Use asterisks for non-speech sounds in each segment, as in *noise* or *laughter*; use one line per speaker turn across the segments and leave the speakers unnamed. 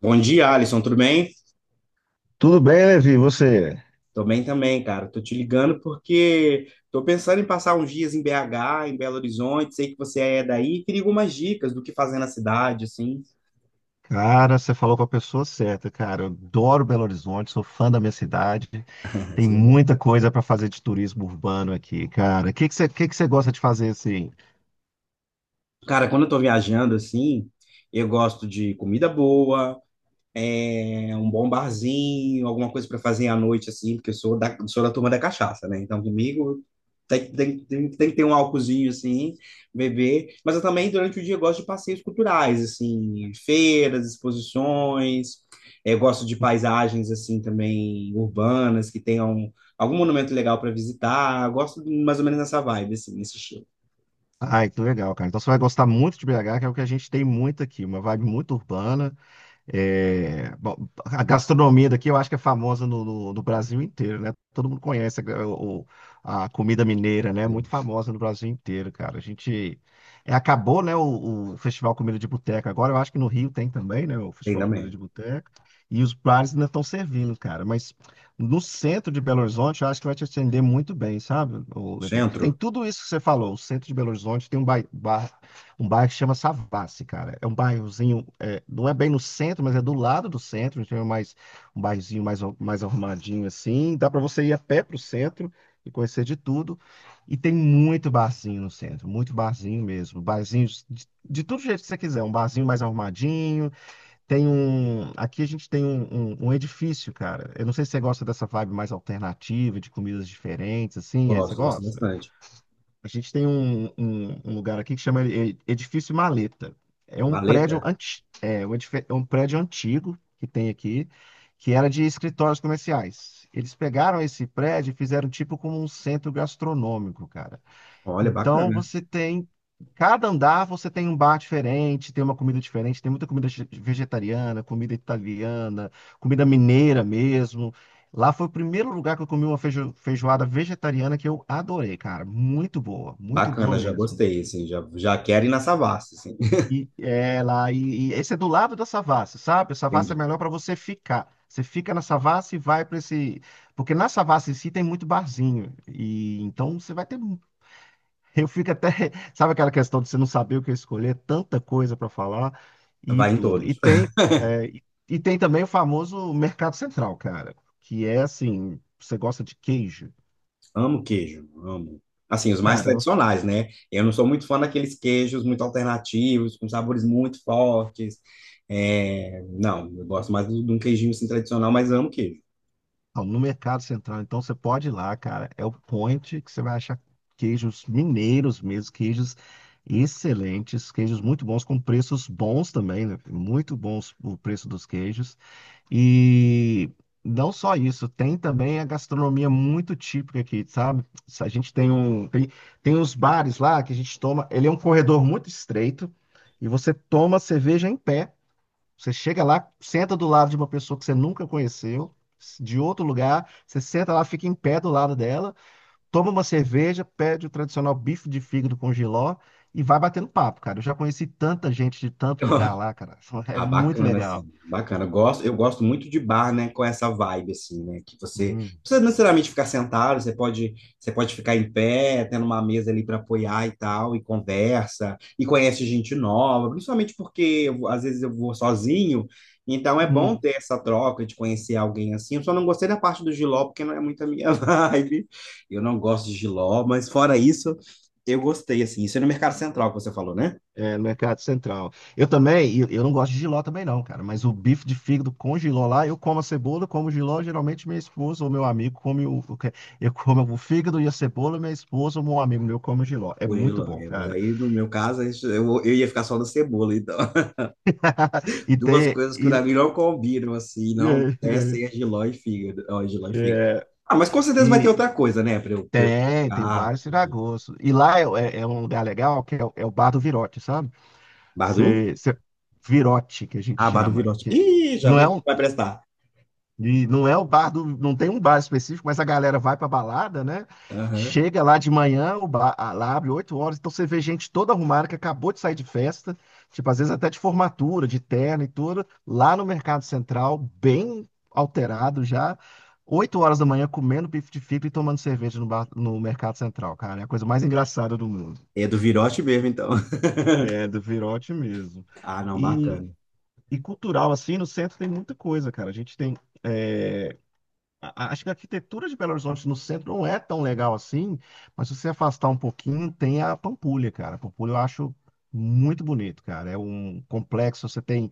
Bom dia, Alisson, tudo bem?
Tudo bem, Levi? E você?
Tô bem também, cara. Tô te ligando porque tô pensando em passar uns dias em BH, em Belo Horizonte. Sei que você é daí, queria algumas dicas do que fazer na cidade, assim.
Cara, você falou com a pessoa certa, cara. Eu adoro Belo Horizonte, sou fã da minha cidade.
*laughs*
Tem
Assim, bom.
muita coisa para fazer de turismo urbano aqui, cara. O que que você gosta de fazer assim?
Cara, quando eu tô viajando assim, eu gosto de comida boa, um bom barzinho, alguma coisa para fazer à noite, assim, porque eu sou da turma da cachaça, né? Então, comigo tem que ter um álcoolzinho, assim, beber. Mas eu também, durante o dia, eu gosto de passeios culturais, assim, feiras, exposições. Eu gosto de paisagens, assim, também urbanas, que tenham algum monumento legal para visitar. Eu gosto mais ou menos nessa vibe, assim, nesse estilo.
Ai, que legal, cara. Então você vai gostar muito de BH, que é o que a gente tem muito aqui, uma vibe muito urbana. É, bom, a gastronomia daqui eu acho que é famosa no, no Brasil inteiro, né? Todo mundo conhece a comida mineira, né? Muito famosa no Brasil inteiro, cara. A gente acabou, né, o Festival Comida de Boteca. Agora eu acho que no Rio tem também, né, o
Tem
Festival Comida de
também.
Boteca. E os bares ainda estão servindo, cara. Mas no centro de Belo Horizonte eu acho que vai te atender muito bem, sabe, ô, Levi? Porque tem
Centro,
tudo isso que você falou. O centro de Belo Horizonte tem um bairro que chama Savassi, cara. É um bairrozinho, não é bem no centro, mas é do lado do centro. Então é mais um bairrozinho mais arrumadinho assim. Dá para você ir a pé pro centro e conhecer de tudo. E tem muito barzinho no centro, muito barzinho mesmo. Barzinho de todo jeito que você quiser. Um barzinho mais arrumadinho. Tem um. Aqui a gente tem um edifício, cara. Eu não sei se você gosta dessa vibe mais alternativa, de comidas diferentes, assim. É, você
gosto, gosto
gosta?
bastante.
A gente tem um lugar aqui que chama Edifício Maleta. É um prédio
Maleta,
anti, é, um edif- é um prédio antigo que tem aqui, que era de escritórios comerciais. Eles pegaram esse prédio e fizeram tipo como um centro gastronômico, cara.
olha,
Então
bacana.
você tem, cada andar você tem um bar diferente, tem uma comida diferente, tem muita comida vegetariana, comida italiana, comida mineira mesmo. Lá foi o primeiro lugar que eu comi uma feijoada vegetariana que eu adorei, cara. Muito boa
Bacana, já
mesmo.
gostei, assim, já quero ir na Savassi, assim. *laughs*
E é lá, e esse é do lado da Savassi, sabe? A Savassi é
Entendi.
melhor para você ficar. Você fica na Savassi e vai para esse, porque na Savassi em si tem muito barzinho e então você vai ter. Eu fico até, *laughs* sabe, aquela questão de você não saber o que escolher, tanta coisa para falar e
Vai em
tudo.
todos.
É, e e tem também o famoso Mercado Central, cara, que é assim, você gosta de queijo,
*laughs* Amo queijo, amo. Assim, os mais
cara? No
tradicionais, né? Eu não sou muito fã daqueles queijos muito alternativos, com sabores muito fortes. É, não, eu gosto mais de um queijinho assim, tradicional, mas amo queijo.
no Mercado Central, então, você pode ir lá, cara, é o point que você vai achar queijos mineiros mesmo, queijos excelentes, queijos muito bons, com preços bons também, né? Muito bons o preço dos queijos. E não só isso, tem também a gastronomia muito típica aqui, sabe? A gente tem uns bares lá que a gente toma, ele é um corredor muito estreito e você toma cerveja em pé. Você chega lá, senta do lado de uma pessoa que você nunca conheceu, de outro lugar, você senta lá, fica em pé do lado dela, toma uma cerveja, pede o tradicional bife de fígado com jiló e vai batendo papo, cara. Eu já conheci tanta gente de tanto lugar
*laughs*
lá, cara. *laughs* É
Ah,
muito
bacana,
legal.
assim, bacana. Eu gosto, eu gosto muito de bar, né, com essa vibe, assim, né, que você não precisa necessariamente ficar sentado, você pode ficar em pé, tendo uma mesa ali para apoiar e tal, e conversa, e conhece gente nova, principalmente porque às vezes eu vou sozinho, então é bom
Hum.
ter essa troca de conhecer alguém assim. Eu só não gostei da parte do jiló, porque não é muito a minha *laughs* vibe. Eu não gosto de jiló, mas fora isso, eu gostei, assim. Isso é no Mercado Central que você falou, né?
É, no Mercado Central. Eu também, eu não gosto de jiló também não, cara, mas o bife de fígado com jiló lá, eu como a cebola, como o jiló, geralmente minha esposa ou meu amigo come, eu como o fígado e a cebola, minha esposa ou meu amigo meu come o jiló. É muito
Tranquilo,
bom,
é, mas
cara.
aí no meu caso aí eu ia ficar só na cebola, então. *laughs*
*laughs* E
Duas
tem,
coisas que
e,
pra mim não combinam, assim, não
é,
descem é jiló e fígado. Ó, jiló e
é,
fígado.
é,
Ah, mas com certeza vai ter
e
outra coisa, né? Pra eu...
tem, tem
Ah,
vários
entendi.
tiragostos. E lá é, é um lugar legal, que é o Bar do Virote, sabe?
Bardu?
Você, você, Virote, que a gente
Ah, Bardu
chama,
Virote.
que
Ih, já
não
vi
é um.
que vai prestar.
E não é o bar do, não tem um bar específico, mas a galera vai pra balada, né?
Aham.
Chega lá de manhã, o bar, lá abre 8 horas, então você vê gente toda arrumada que acabou de sair de festa, tipo, às vezes até de formatura, de terno e tudo, lá no Mercado Central, bem alterado já, 8 horas da manhã comendo bife de fígado e tomando cerveja no Mercado Central, cara, é a coisa mais engraçada do mundo.
É do Virote mesmo, então. *laughs*
É, do Virote mesmo.
Ah, não,
E,
bacana.
e cultural, assim, no centro tem muita coisa, cara. A gente tem. é, Acho que a arquitetura de Belo Horizonte no centro não é tão legal assim, mas se você afastar um pouquinho, tem a Pampulha, cara. A Pampulha eu acho muito bonito, cara. É um complexo, você tem,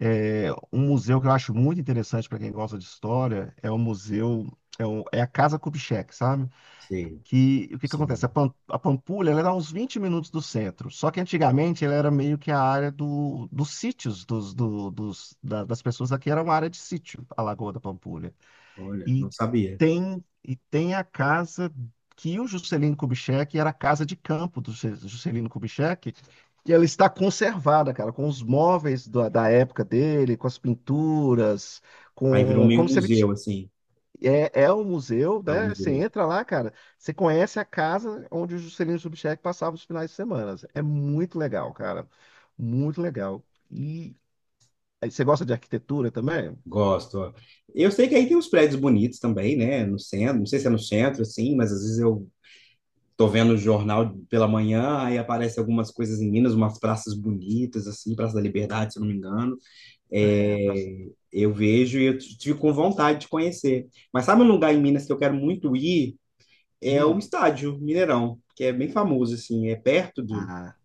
um museu que eu acho muito interessante para quem gosta de história, é o museu, é, o- é a Casa Kubitschek, sabe?
Sei,
Que o que que
sei
acontece? A,
mesmo.
Pam- a Pampulha, ela dá uns 20 minutos do centro, só que antigamente ela era meio que a área dos sítios, dos, do- dos- da- das pessoas aqui, era uma área de sítio, a Lagoa da Pampulha.
Olha, não
E
sabia.
e tem a casa que o Juscelino Kubitschek, era a casa de campo do Juscelino Kubitschek, e ela está conservada, cara, com os móveis da época dele, com as pinturas,
Aí virou
com
meio um
como se ele t-
museu, assim.
é um museu,
Ah, um
né?
museu
Você
mesmo.
entra lá, cara, você conhece a casa onde o Juscelino Kubitschek passava os finais de semana. É muito legal, cara, muito legal. E aí, você gosta de arquitetura também?
Gosto. Ó. Eu sei que aí tem uns prédios bonitos também, né? No centro, não sei se é no centro, assim, mas às vezes eu tô vendo o jornal pela manhã, aí aparece algumas coisas em Minas, umas praças bonitas, assim, Praça da Liberdade, se eu não me engano.
É, a praça.
É, eu vejo e eu tive com vontade de conhecer. Mas sabe um lugar em Minas que eu quero muito ir? É o
Hum.
estádio Mineirão, que é bem famoso, assim, é perto do.
ah,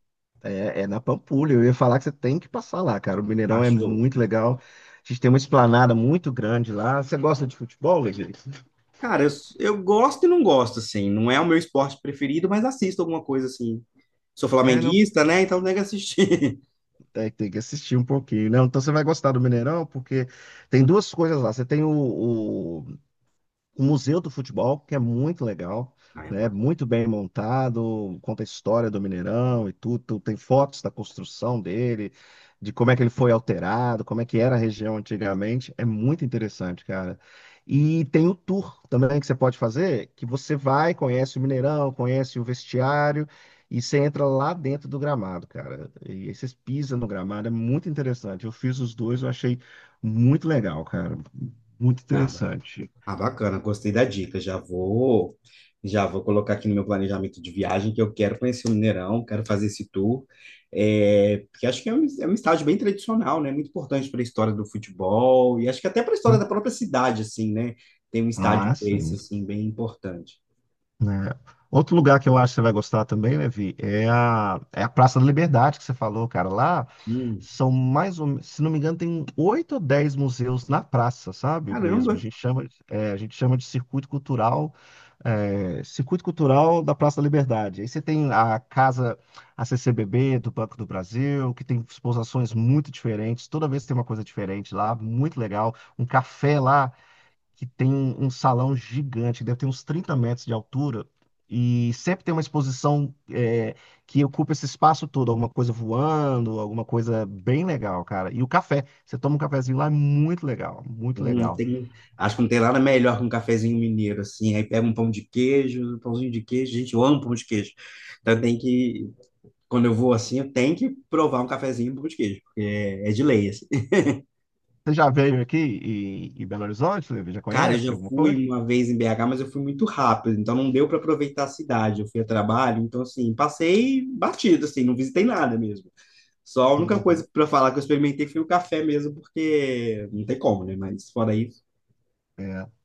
é na Pampulha, eu ia falar que você tem que passar lá, cara. O Mineirão é
Acho.
muito legal. A gente tem uma esplanada muito grande lá. Você gosta de futebol, Levi? *laughs*
Cara, eu gosto e não gosto, assim. Não é o meu esporte preferido, mas assisto alguma coisa, assim. Sou
É, não,
flamenguista, né? Então tem que assistir.
tem que assistir um pouquinho, né? Então você vai gostar do Mineirão, porque tem duas coisas lá. Você tem o Museu do Futebol, que é muito legal,
*laughs* Ai, eu
né?
gosto.
Muito bem montado, conta a história do Mineirão e tudo, tem fotos da construção dele, de como é que ele foi alterado, como é que era a região antigamente, é muito interessante, cara. E tem o tour também que você pode fazer, que você vai, conhece o Mineirão, conhece o vestiário e você entra lá dentro do gramado, cara. E aí vocês pisam no gramado, é muito interessante. Eu fiz os dois, eu achei muito legal, cara. Muito
Acaba.
interessante.
Ah, bacana, gostei da dica. Já vou colocar aqui no meu planejamento de viagem que eu quero conhecer o Mineirão, quero fazer esse tour. É, porque acho que é é um estádio bem tradicional, né? Muito importante para a história do futebol e acho que até para a história da própria cidade, assim, né? Tem um estádio
Ah,
desse,
sim,
assim, bem importante.
né? Outro lugar que eu acho que você vai gostar também, Levi, é a, é a Praça da Liberdade que você falou, cara. Lá
Hum,
são mais ou menos, se não me engano, tem 8 ou 10 museus na praça, sabe? Mesmo. A
caramba.
gente chama, é, a gente chama de circuito cultural, circuito cultural da Praça da Liberdade. Aí você tem a casa, a CCBB do Banco do Brasil, que tem exposições muito diferentes. Toda vez tem uma coisa diferente lá, muito legal. Um café lá que tem um salão gigante, deve ter uns 30 metros de altura, e sempre tem uma exposição, que ocupa esse espaço todo, alguma coisa voando, alguma coisa bem legal, cara. E o café, você toma um cafezinho lá, é muito legal, muito
Não
legal.
tem, acho que não tem nada melhor que um cafezinho mineiro, assim. Aí pega um pão de queijo, um pãozinho de queijo. Gente, eu amo pão de queijo. Então quando eu vou assim, eu tenho que provar um cafezinho e um pão de queijo, porque é de lei, assim. *laughs*
Você já veio aqui em Belo Horizonte, Levi? Já
Cara, eu
conhece
já
alguma
fui
coisa?
uma vez em BH, mas eu fui muito rápido, então não deu para aproveitar a cidade. Eu fui a trabalho, então assim, passei batido, assim, não visitei nada mesmo. Só a única
Uhum.
coisa para falar que eu experimentei foi o café mesmo, porque não tem como, né? Mas fora isso,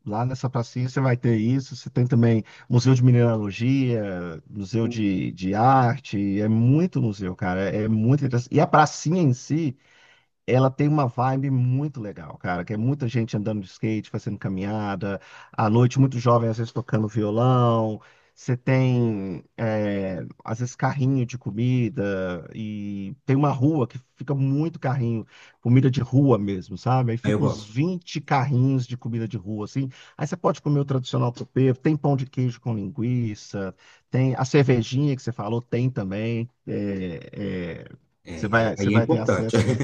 Lá nessa pracinha você vai ter isso. Você tem também museu de mineralogia, museu de arte. É muito museu, cara. É muito interessante. E a pracinha em si, ela tem uma vibe muito legal, cara, que é muita gente andando de skate, fazendo caminhada, à noite muito jovem, às vezes tocando violão. Você tem, às vezes, carrinho de comida, e tem uma rua que fica muito carrinho, comida de rua mesmo, sabe? Aí
aí eu
fica uns
gosto.
20 carrinhos de comida de rua, assim. Aí você pode comer o tradicional tropeiro, tem pão de queijo com linguiça, tem a cervejinha que você falou, tem também. É, é, você
É,
vai, você
aí é
vai ter
importante.
acesso.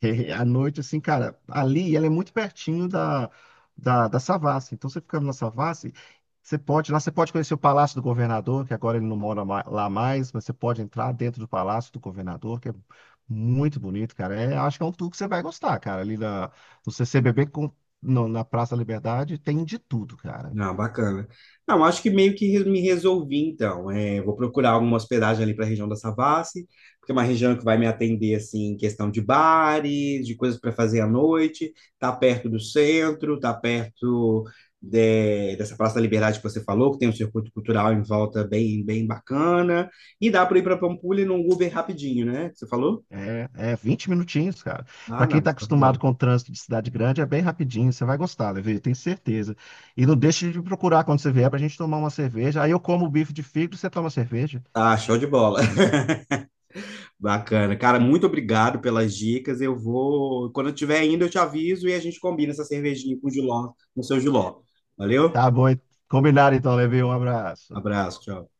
*laughs* À noite, assim, cara, ali ela é muito pertinho da Savassi. Então, você ficando na Savassi, você pode, lá você pode conhecer o Palácio do Governador, que agora ele não mora lá mais, mas você pode entrar dentro do Palácio do Governador, que é muito bonito, cara. É, acho que é um tour que você vai gostar, cara. Ali no CCBB, com, no- na Praça da Liberdade, tem de tudo, cara.
Ah, bacana. Não, acho que meio que me resolvi, então. É, vou procurar alguma hospedagem ali para a região da Savassi, porque é uma região que vai me atender, assim, em questão de bares, de coisas para fazer à noite, tá perto do centro, tá perto dessa Praça da Liberdade que você falou, que tem um circuito cultural em volta bem bacana, e dá para ir para Pampulha num Uber rapidinho, né? Que você falou?
É, é 20 minutinhos, cara.
Ah,
Pra quem
não,
tá
show de
acostumado
bola.
com o trânsito de cidade grande, é bem rapidinho. Você vai gostar, Levi, tenho certeza. E não deixe de me procurar quando você vier pra gente tomar uma cerveja. Aí eu como o bife de fígado e você toma cerveja.
Ah, show de bola. Bacana. Cara, muito obrigado pelas dicas. Eu vou, quando eu estiver indo, eu te aviso e a gente combina essa cervejinha com o Giló, no seu Giló. Valeu?
Tá bom, hein? Combinado então, Levi. Um abraço.
Abraço, tchau.